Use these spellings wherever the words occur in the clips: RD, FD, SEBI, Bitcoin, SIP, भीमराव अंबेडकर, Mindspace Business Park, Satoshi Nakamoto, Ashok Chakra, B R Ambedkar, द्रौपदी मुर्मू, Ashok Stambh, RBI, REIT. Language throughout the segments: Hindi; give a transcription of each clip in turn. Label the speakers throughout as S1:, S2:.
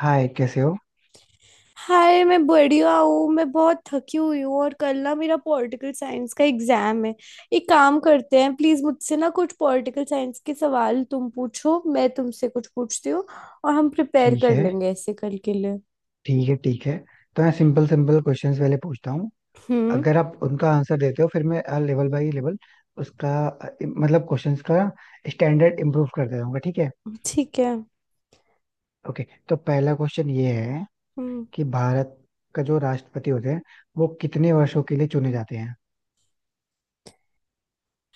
S1: हाय, कैसे हो?
S2: हाय, मैं बढ़िया हूँ। मैं बहुत थकी हुई हूँ और कल ना मेरा पॉलिटिकल साइंस का एग्जाम है। एक काम करते हैं, प्लीज मुझसे ना कुछ पॉलिटिकल साइंस के सवाल तुम पूछो, मैं तुमसे कुछ पूछती हूँ और हम प्रिपेयर
S1: ठीक
S2: कर
S1: है,
S2: लेंगे ऐसे कल के लिए।
S1: ठीक है, ठीक है। तो मैं सिंपल सिंपल क्वेश्चंस पहले पूछता हूँ।
S2: हम्म।
S1: अगर आप उनका आंसर देते हो फिर मैं लेवल बाय लेवल उसका मतलब क्वेश्चंस का स्टैंडर्ड इम्प्रूव करते रहूंगा, ठीक है।
S2: ठीक है।
S1: ओके, तो पहला क्वेश्चन ये है
S2: हम्म।
S1: कि भारत का जो राष्ट्रपति होते हैं वो कितने वर्षों के लिए चुने जाते हैं?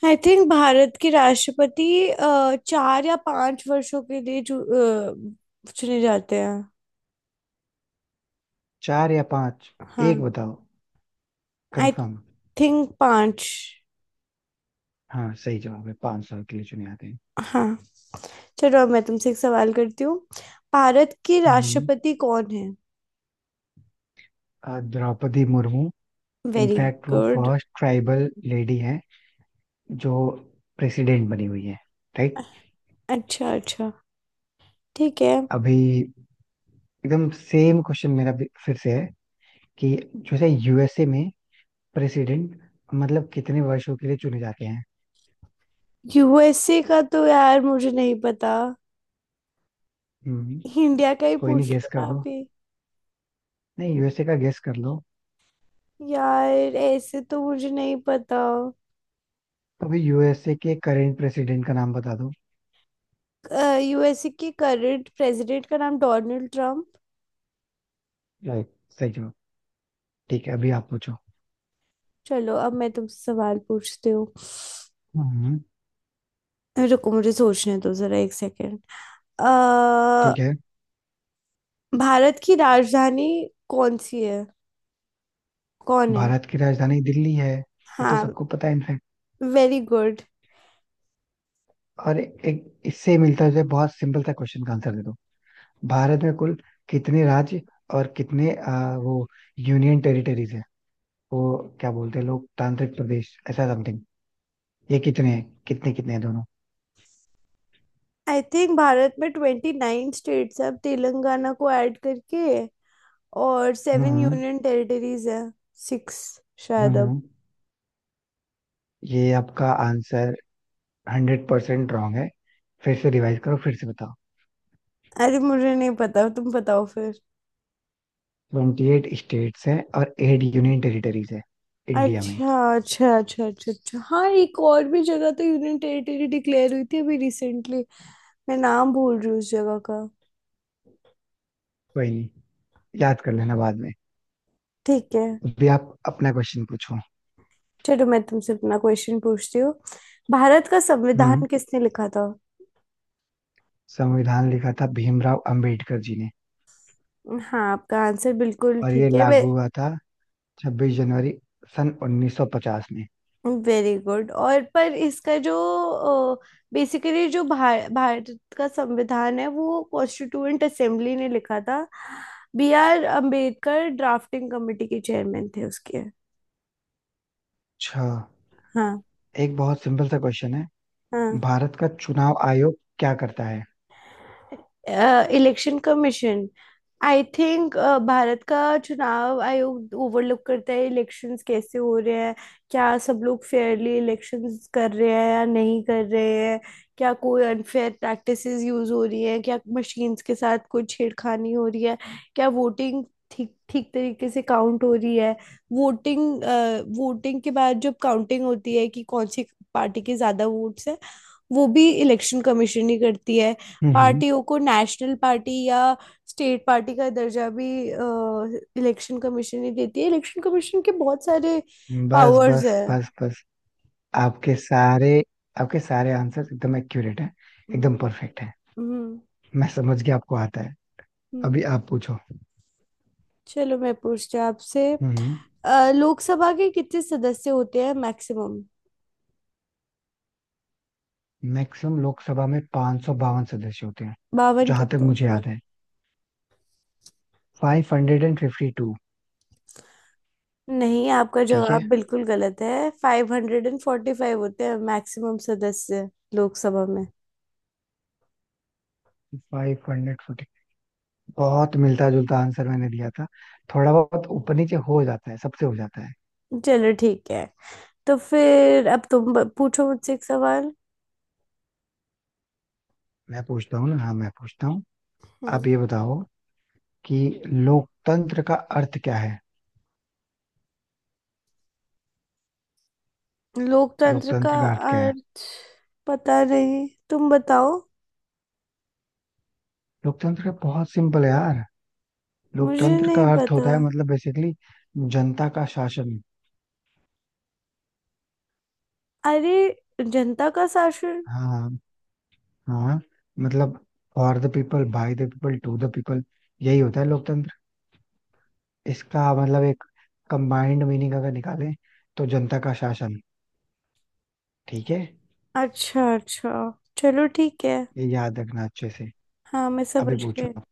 S2: आई थिंक भारत के राष्ट्रपति 4 या 5 वर्षों के लिए चुने जाते हैं।
S1: चार या पांच? एक
S2: हाँ।
S1: बताओ,
S2: आई
S1: कंफर्म।
S2: थिंक पांच।
S1: हाँ, सही जवाब है, पांच साल के लिए चुने जाते हैं।
S2: हाँ, चलो अब मैं तुमसे एक सवाल करती हूँ। भारत के
S1: हम्म,
S2: राष्ट्रपति कौन है?
S1: द्रौपदी मुर्मू।
S2: वेरी
S1: इनफैक्ट वो
S2: गुड।
S1: फर्स्ट ट्राइबल लेडी है जो प्रेसिडेंट बनी हुई है, राइट।
S2: अच्छा अच्छा, ठीक है।
S1: अभी एकदम सेम क्वेश्चन मेरा भी फिर से है कि जैसे यूएसए में प्रेसिडेंट मतलब कितने वर्षों के लिए चुने जाते हैं?
S2: यूएसए का तो यार मुझे नहीं पता।
S1: हम्म।
S2: इंडिया का ही
S1: कोई नहीं,
S2: पूछ
S1: गेस
S2: लो
S1: कर
S2: ना
S1: दो।
S2: अभी।
S1: नहीं, यूएसए का गेस कर लो।
S2: यार ऐसे तो मुझे नहीं पता।
S1: तो अभी यूएसए के करेंट प्रेसिडेंट का नाम बता दो।
S2: यूएसए के करंट प्रेसिडेंट का नाम डोनाल्ड ट्रम्प।
S1: राइट, सही जवाब। ठीक है, अभी आप पूछो।
S2: चलो अब मैं तुमसे सवाल पूछती हूँ।
S1: हम्म।
S2: रुको मुझे सोचने दो जरा 1 सेकेंड।
S1: ठीक है।
S2: भारत की राजधानी कौन सी है? कौन है?
S1: भारत की राजधानी दिल्ली है। ये तो
S2: हाँ।
S1: सबको पता है इनफैक्ट।
S2: Very good.
S1: और एक इससे मिलता जुलता बहुत सिंपल सा क्वेश्चन का आंसर दे दो। भारत में कुल कितने राज्य और कितने वो यूनियन टेरिटरीज है? वो क्या बोलते हैं लोग, तांत्रिक प्रदेश ऐसा समथिंग? ये कितने हैं? कितने कितने हैं दोनों?
S2: आई थिंक भारत में 29 स्टेट्स है, अब तेलंगाना को ऐड करके, और सेवन
S1: हम्म,
S2: यूनियन टेरिटरीज है। सिक्स,
S1: हम्म,
S2: शायद अब।
S1: ये आपका आंसर 100% रॉन्ग है। फिर से रिवाइज करो, फिर से बताओ।
S2: अरे मुझे नहीं पता, तुम बताओ फिर।
S1: 28 स्टेट्स हैं और 8 यूनियन टेरिटरीज है इंडिया में।
S2: अच्छा अच्छा अच्छा अच्छा अच्छा, हाँ एक और भी जगह तो यूनियन टेरिटरी डिक्लेयर हुई थी अभी रिसेंटली। मैं नाम भूल रही हूँ उस जगह का।
S1: कोई नहीं, याद कर लेना बाद में।
S2: ठीक है।
S1: अभी आप अपना क्वेश्चन पूछो।
S2: चलो मैं तुमसे अपना क्वेश्चन पूछती हूँ। भारत का
S1: हम्म
S2: संविधान किसने लिखा था?
S1: संविधान लिखा था भीमराव अंबेडकर जी ने।
S2: हाँ, आपका आंसर बिल्कुल
S1: और ये
S2: ठीक है। वे
S1: लागू हुआ था 26 जनवरी सन 1950 में।
S2: वेरी गुड, और पर इसका जो बेसिकली जो भारत का संविधान है वो कॉन्स्टिट्यूएंट असेंबली ने लिखा था। B R Ambedkar drafting committee के चेयरमैन थे उसके।
S1: अच्छा,
S2: हाँ।
S1: एक बहुत सिंपल सा क्वेश्चन है।
S2: हाँ।
S1: भारत का चुनाव आयोग क्या करता है?
S2: Election commission, I think, Bharat का चुनाव आयोग ओवरलुक करता है इलेक्शंस कैसे हो रहे हैं। क्या सब लोग फेयरली इलेक्शंस कर रहे हैं या नहीं कर रहे हैं? क्या कोई अनफेयर प्रैक्टिसेस यूज हो रही हैं? क्या मशीन्स के साथ कोई छेड़खानी हो रही है? क्या वोटिंग ठीक ठीक तरीके से काउंट हो रही है? वोटिंग वोटिंग के बाद जब काउंटिंग होती है कि कौन सी पार्टी के ज़्यादा वोट्स हैं, वो भी इलेक्शन कमीशन ही करती है।
S1: हम्म,
S2: पार्टियों को नेशनल पार्टी या स्टेट पार्टी का दर्जा भी इलेक्शन कमीशन ही देती है। इलेक्शन कमीशन के बहुत सारे
S1: बस,
S2: पावर्स
S1: बस,
S2: है।
S1: बस, बस। आपके सारे आपके सारे आंसर एकदम एक्यूरेट है।
S2: हम्म।
S1: एकदम परफेक्ट है।
S2: हम्म।
S1: मैं समझ गया, आपको आता है।
S2: हम्म।
S1: अभी आप पूछो।
S2: चलो मैं पूछती हूँ आपसे।
S1: हम्म
S2: लोकसभा के कितने सदस्य होते हैं मैक्सिमम?
S1: मैक्सिमम लोकसभा में 552 सदस्य होते हैं।
S2: 52
S1: जहां तक
S2: कितने
S1: मुझे
S2: होते हैं?
S1: याद है, 552।
S2: नहीं, आपका
S1: ठीक है,
S2: जवाब बिल्कुल गलत है। 545 होते हैं मैक्सिमम सदस्य लोकसभा में।
S1: 542। बहुत मिलता जुलता आंसर मैंने दिया था। थोड़ा बहुत ऊपर नीचे हो जाता है, सबसे हो जाता है।
S2: चलो ठीक है। तो फिर अब तुम पूछो मुझसे एक सवाल।
S1: मैं पूछता हूँ ना, हाँ मैं पूछता हूँ। आप ये बताओ कि लोकतंत्र का अर्थ क्या है?
S2: लोकतंत्र का
S1: लोकतंत्र का अर्थ क्या है?
S2: अर्थ पता नहीं, तुम बताओ।
S1: लोकतंत्र का बहुत सिंपल है यार।
S2: मुझे
S1: लोकतंत्र
S2: नहीं
S1: का अर्थ
S2: पता।
S1: होता है मतलब बेसिकली जनता का शासन।
S2: अरे, जनता का शासन!
S1: हाँ, हाँ, मतलब for the people by the people to the people, यही होता है लोकतंत्र। इसका मतलब एक कंबाइंड मीनिंग अगर निकालें तो जनता का शासन, ठीक है।
S2: अच्छा अच्छा, चलो ठीक है।
S1: ये याद रखना अच्छे से।
S2: हाँ मैं
S1: अभी
S2: समझ
S1: पूछो
S2: गई।
S1: आप।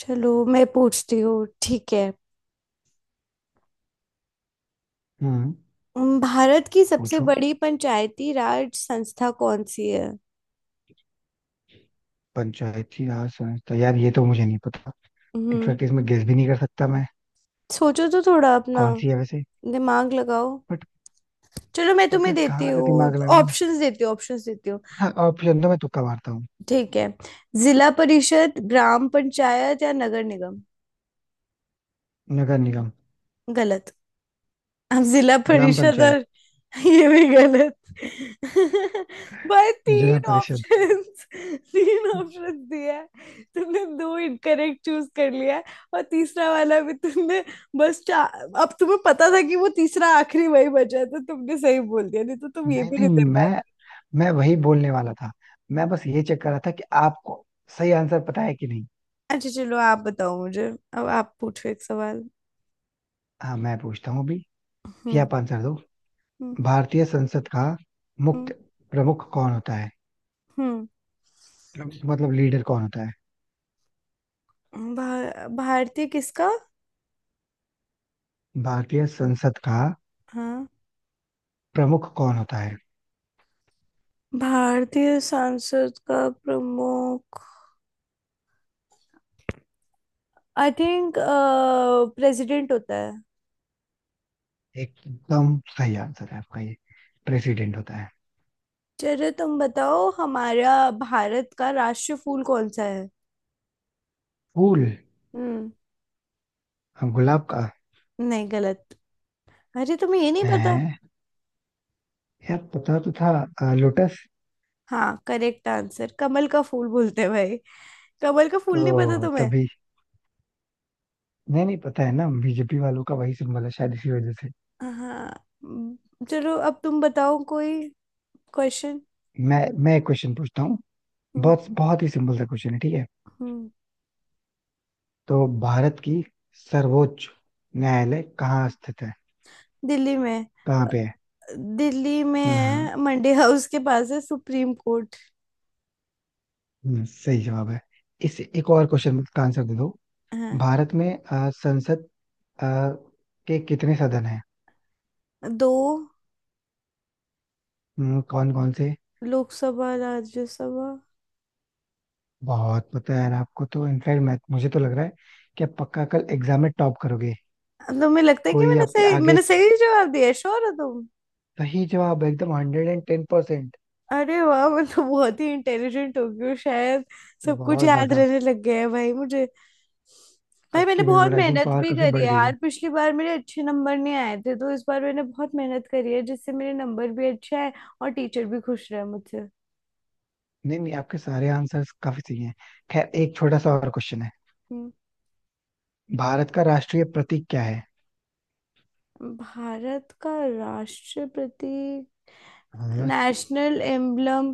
S2: चलो मैं पूछती हूँ, ठीक है।
S1: हम्म
S2: भारत की सबसे
S1: पूछो।
S2: बड़ी पंचायती राज संस्था कौन सी है?
S1: पंचायती राज संस्था यार ये तो मुझे नहीं पता।
S2: हम्म।
S1: इनफैक्ट इसमें गेस भी नहीं कर सकता मैं।
S2: सोचो तो थोड़ा अपना
S1: कौन सी है वैसे?
S2: दिमाग लगाओ।
S1: बट
S2: चलो मैं
S1: बट
S2: तुम्हें
S1: मैं
S2: देती
S1: कहाँ से
S2: हूँ,
S1: दिमाग लगाऊं?
S2: ऑप्शंस देती हूँ, ऑप्शंस देती हूँ।
S1: हाँ, ऑप्शन तो मैं तुक्का मारता हूँ।
S2: ठीक है। जिला परिषद, ग्राम पंचायत या नगर निगम?
S1: नगर निगम।
S2: गलत। अब जिला
S1: ग्राम
S2: परिषद
S1: पंचायत।
S2: और। ये भी गलत। भाई,
S1: जिला
S2: तीन
S1: परिषद।
S2: ऑप्शंस। तीन ऑप्शंस दिया है, तुमने दो इनकरेक्ट चूज कर लिया है और तीसरा वाला भी तुमने, बस चार। अब तुम्हें पता था कि वो तीसरा आखिरी वही बचा है तो तुमने सही बोल दिया, नहीं तो तुम ये
S1: नहीं,
S2: भी
S1: नहीं,
S2: नहीं दे
S1: मैं
S2: पाते।
S1: मैं वही बोलने वाला था। मैं बस ये चेक कर रहा था कि आपको सही आंसर पता है कि नहीं।
S2: अच्छा चलो, आप बताओ मुझे। अब आप पूछो एक सवाल।
S1: हाँ, मैं पूछता हूँ अभी। ये
S2: हम्म।
S1: आप आंसर दो।
S2: हम्म।
S1: भारतीय संसद का
S2: हम्म।
S1: मुख्य प्रमुख कौन होता है?
S2: हम्म।
S1: प्रमुख मतलब लीडर कौन होता है?
S2: भा, भारतीय किसका?
S1: भारतीय संसद का
S2: हाँ,
S1: प्रमुख कौन होता है?
S2: भारतीय सांसद का प्रमुख, आई थिंक, प्रेसिडेंट होता है।
S1: एकदम सही आंसर है आपका, ये प्रेसिडेंट होता है।
S2: चलो तुम बताओ, हमारा भारत का राष्ट्रीय फूल कौन सा है?
S1: फूल?
S2: हम्म।
S1: हाँ, गुलाब का।
S2: नहीं, गलत। अरे तुम्हें ये नहीं पता?
S1: है यार, पता तो था, लोटस।
S2: हाँ, करेक्ट आंसर कमल का फूल बोलते हैं, भाई। कमल का फूल नहीं पता
S1: तो
S2: तुम्हें?
S1: तभी। नहीं नहीं, पता है ना, बीजेपी वालों का वही सिंबल है शायद, इसी वजह से।
S2: हाँ। हम्म। चलो अब तुम बताओ कोई क्वेश्चन।
S1: मैं एक क्वेश्चन पूछता हूँ।
S2: हम्म।
S1: बहुत बहुत ही सिंपल सा क्वेश्चन है, ठीक है।
S2: हम्म।
S1: तो भारत की सर्वोच्च न्यायालय कहाँ स्थित है?
S2: दिल्ली में।
S1: कहाँ पे है?
S2: दिल्ली में
S1: हाँ।
S2: है, मंडी हाउस के पास है सुप्रीम कोर्ट।
S1: सही जवाब है। इस एक और क्वेश्चन का आंसर दे दो।
S2: है।
S1: भारत में संसद अ, के कितने सदन हैं?
S2: दो।
S1: कौन कौन से?
S2: लोकसभा, राज्यसभा।
S1: बहुत पता है यार आपको तो। इनफैक्ट मैं मुझे तो लग रहा है कि आप पक्का कल एग्जाम में टॉप करोगे।
S2: तुम्हें लगता है कि
S1: कोई आपके आगे।
S2: मैंने सही जवाब दिया? श्योर हो तुम?
S1: सही जवाब, एकदम 110%।
S2: अरे वाह, मैं तो बहुत ही इंटेलिजेंट हो गई हूँ शायद। सब कुछ
S1: बहुत
S2: याद
S1: ज्यादा।
S2: रहने लग गया है भाई मुझे। भाई, मैंने
S1: आपकी
S2: बहुत
S1: मेमोराइजिंग
S2: मेहनत
S1: पावर
S2: भी
S1: काफी
S2: करी है
S1: बढ़ गई है।
S2: यार, पिछली बार मेरे अच्छे नंबर नहीं आए थे तो इस बार मैंने बहुत मेहनत करी है जिससे मेरे नंबर भी अच्छे आए। और टीचर भी खुश रहे मुझसे।
S1: नहीं नहीं, आपके सारे आंसर्स काफी सही हैं। खैर, एक छोटा सा और क्वेश्चन है।
S2: हम्म।
S1: भारत का राष्ट्रीय प्रतीक क्या है?
S2: भारत का राष्ट्रपति,
S1: हाँ।
S2: नेशनल एम्बलम,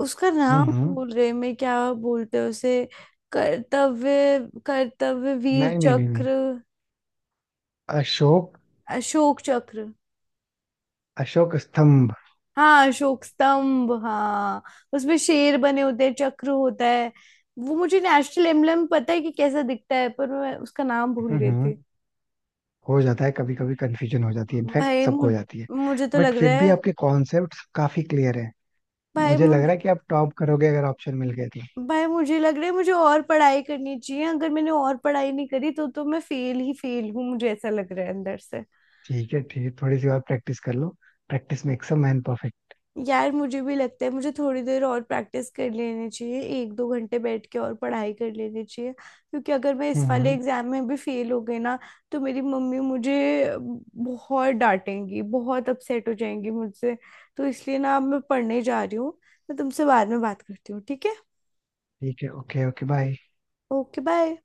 S2: उसका
S1: हम्म,
S2: नाम भूल रही मैं, क्या बोलते हैं उसे? कर्तव्य, कर्तव्य वीर
S1: नहीं नहीं नहीं नहीं,
S2: चक्र?
S1: अशोक
S2: अशोक चक्र?
S1: अशोक स्तंभ।
S2: हाँ अशोक स्तंभ, हाँ। उसमें शेर बने होते हैं, चक्र होता है। वो मुझे नेशनल एम्बलम पता है कि कैसा दिखता है, पर मैं उसका नाम भूल
S1: हम्म,
S2: गई थी।
S1: हो जाता है, कभी कभी कंफ्यूजन हो जाती है, इनफैक्ट
S2: भाई
S1: सबको हो जाती है।
S2: मुझे तो
S1: बट
S2: लग रहा
S1: फिर भी
S2: है।
S1: आपके कॉन्सेप्ट्स काफी क्लियर है।
S2: भाई
S1: मुझे
S2: मुझ,
S1: लग रहा है कि आप टॉप करोगे अगर ऑप्शन मिल गए तो।
S2: भाई मुझे लग रहा है मुझे और पढ़ाई करनी चाहिए। अगर मैंने और पढ़ाई नहीं करी तो मैं फेल ही फेल हूँ, मुझे ऐसा लग रहा है अंदर से।
S1: ठीक है, ठीक है, थोड़ी सी और प्रैक्टिस कर लो। Practice makes a man perfect.
S2: यार मुझे भी लगता है मुझे थोड़ी देर और प्रैक्टिस कर लेनी चाहिए, एक दो घंटे बैठ के और पढ़ाई कर लेनी चाहिए, क्योंकि अगर मैं इस वाले
S1: हम्म।
S2: एग्जाम में भी फेल हो गई ना तो मेरी मम्मी मुझे बहुत डांटेंगी, बहुत अपसेट हो जाएंगी मुझसे। तो इसलिए ना अब मैं पढ़ने जा रही हूँ। मैं तुमसे बाद में बात करती हूँ, ठीक है?
S1: ठीक है, okay, okay, bye.
S2: Okay bye.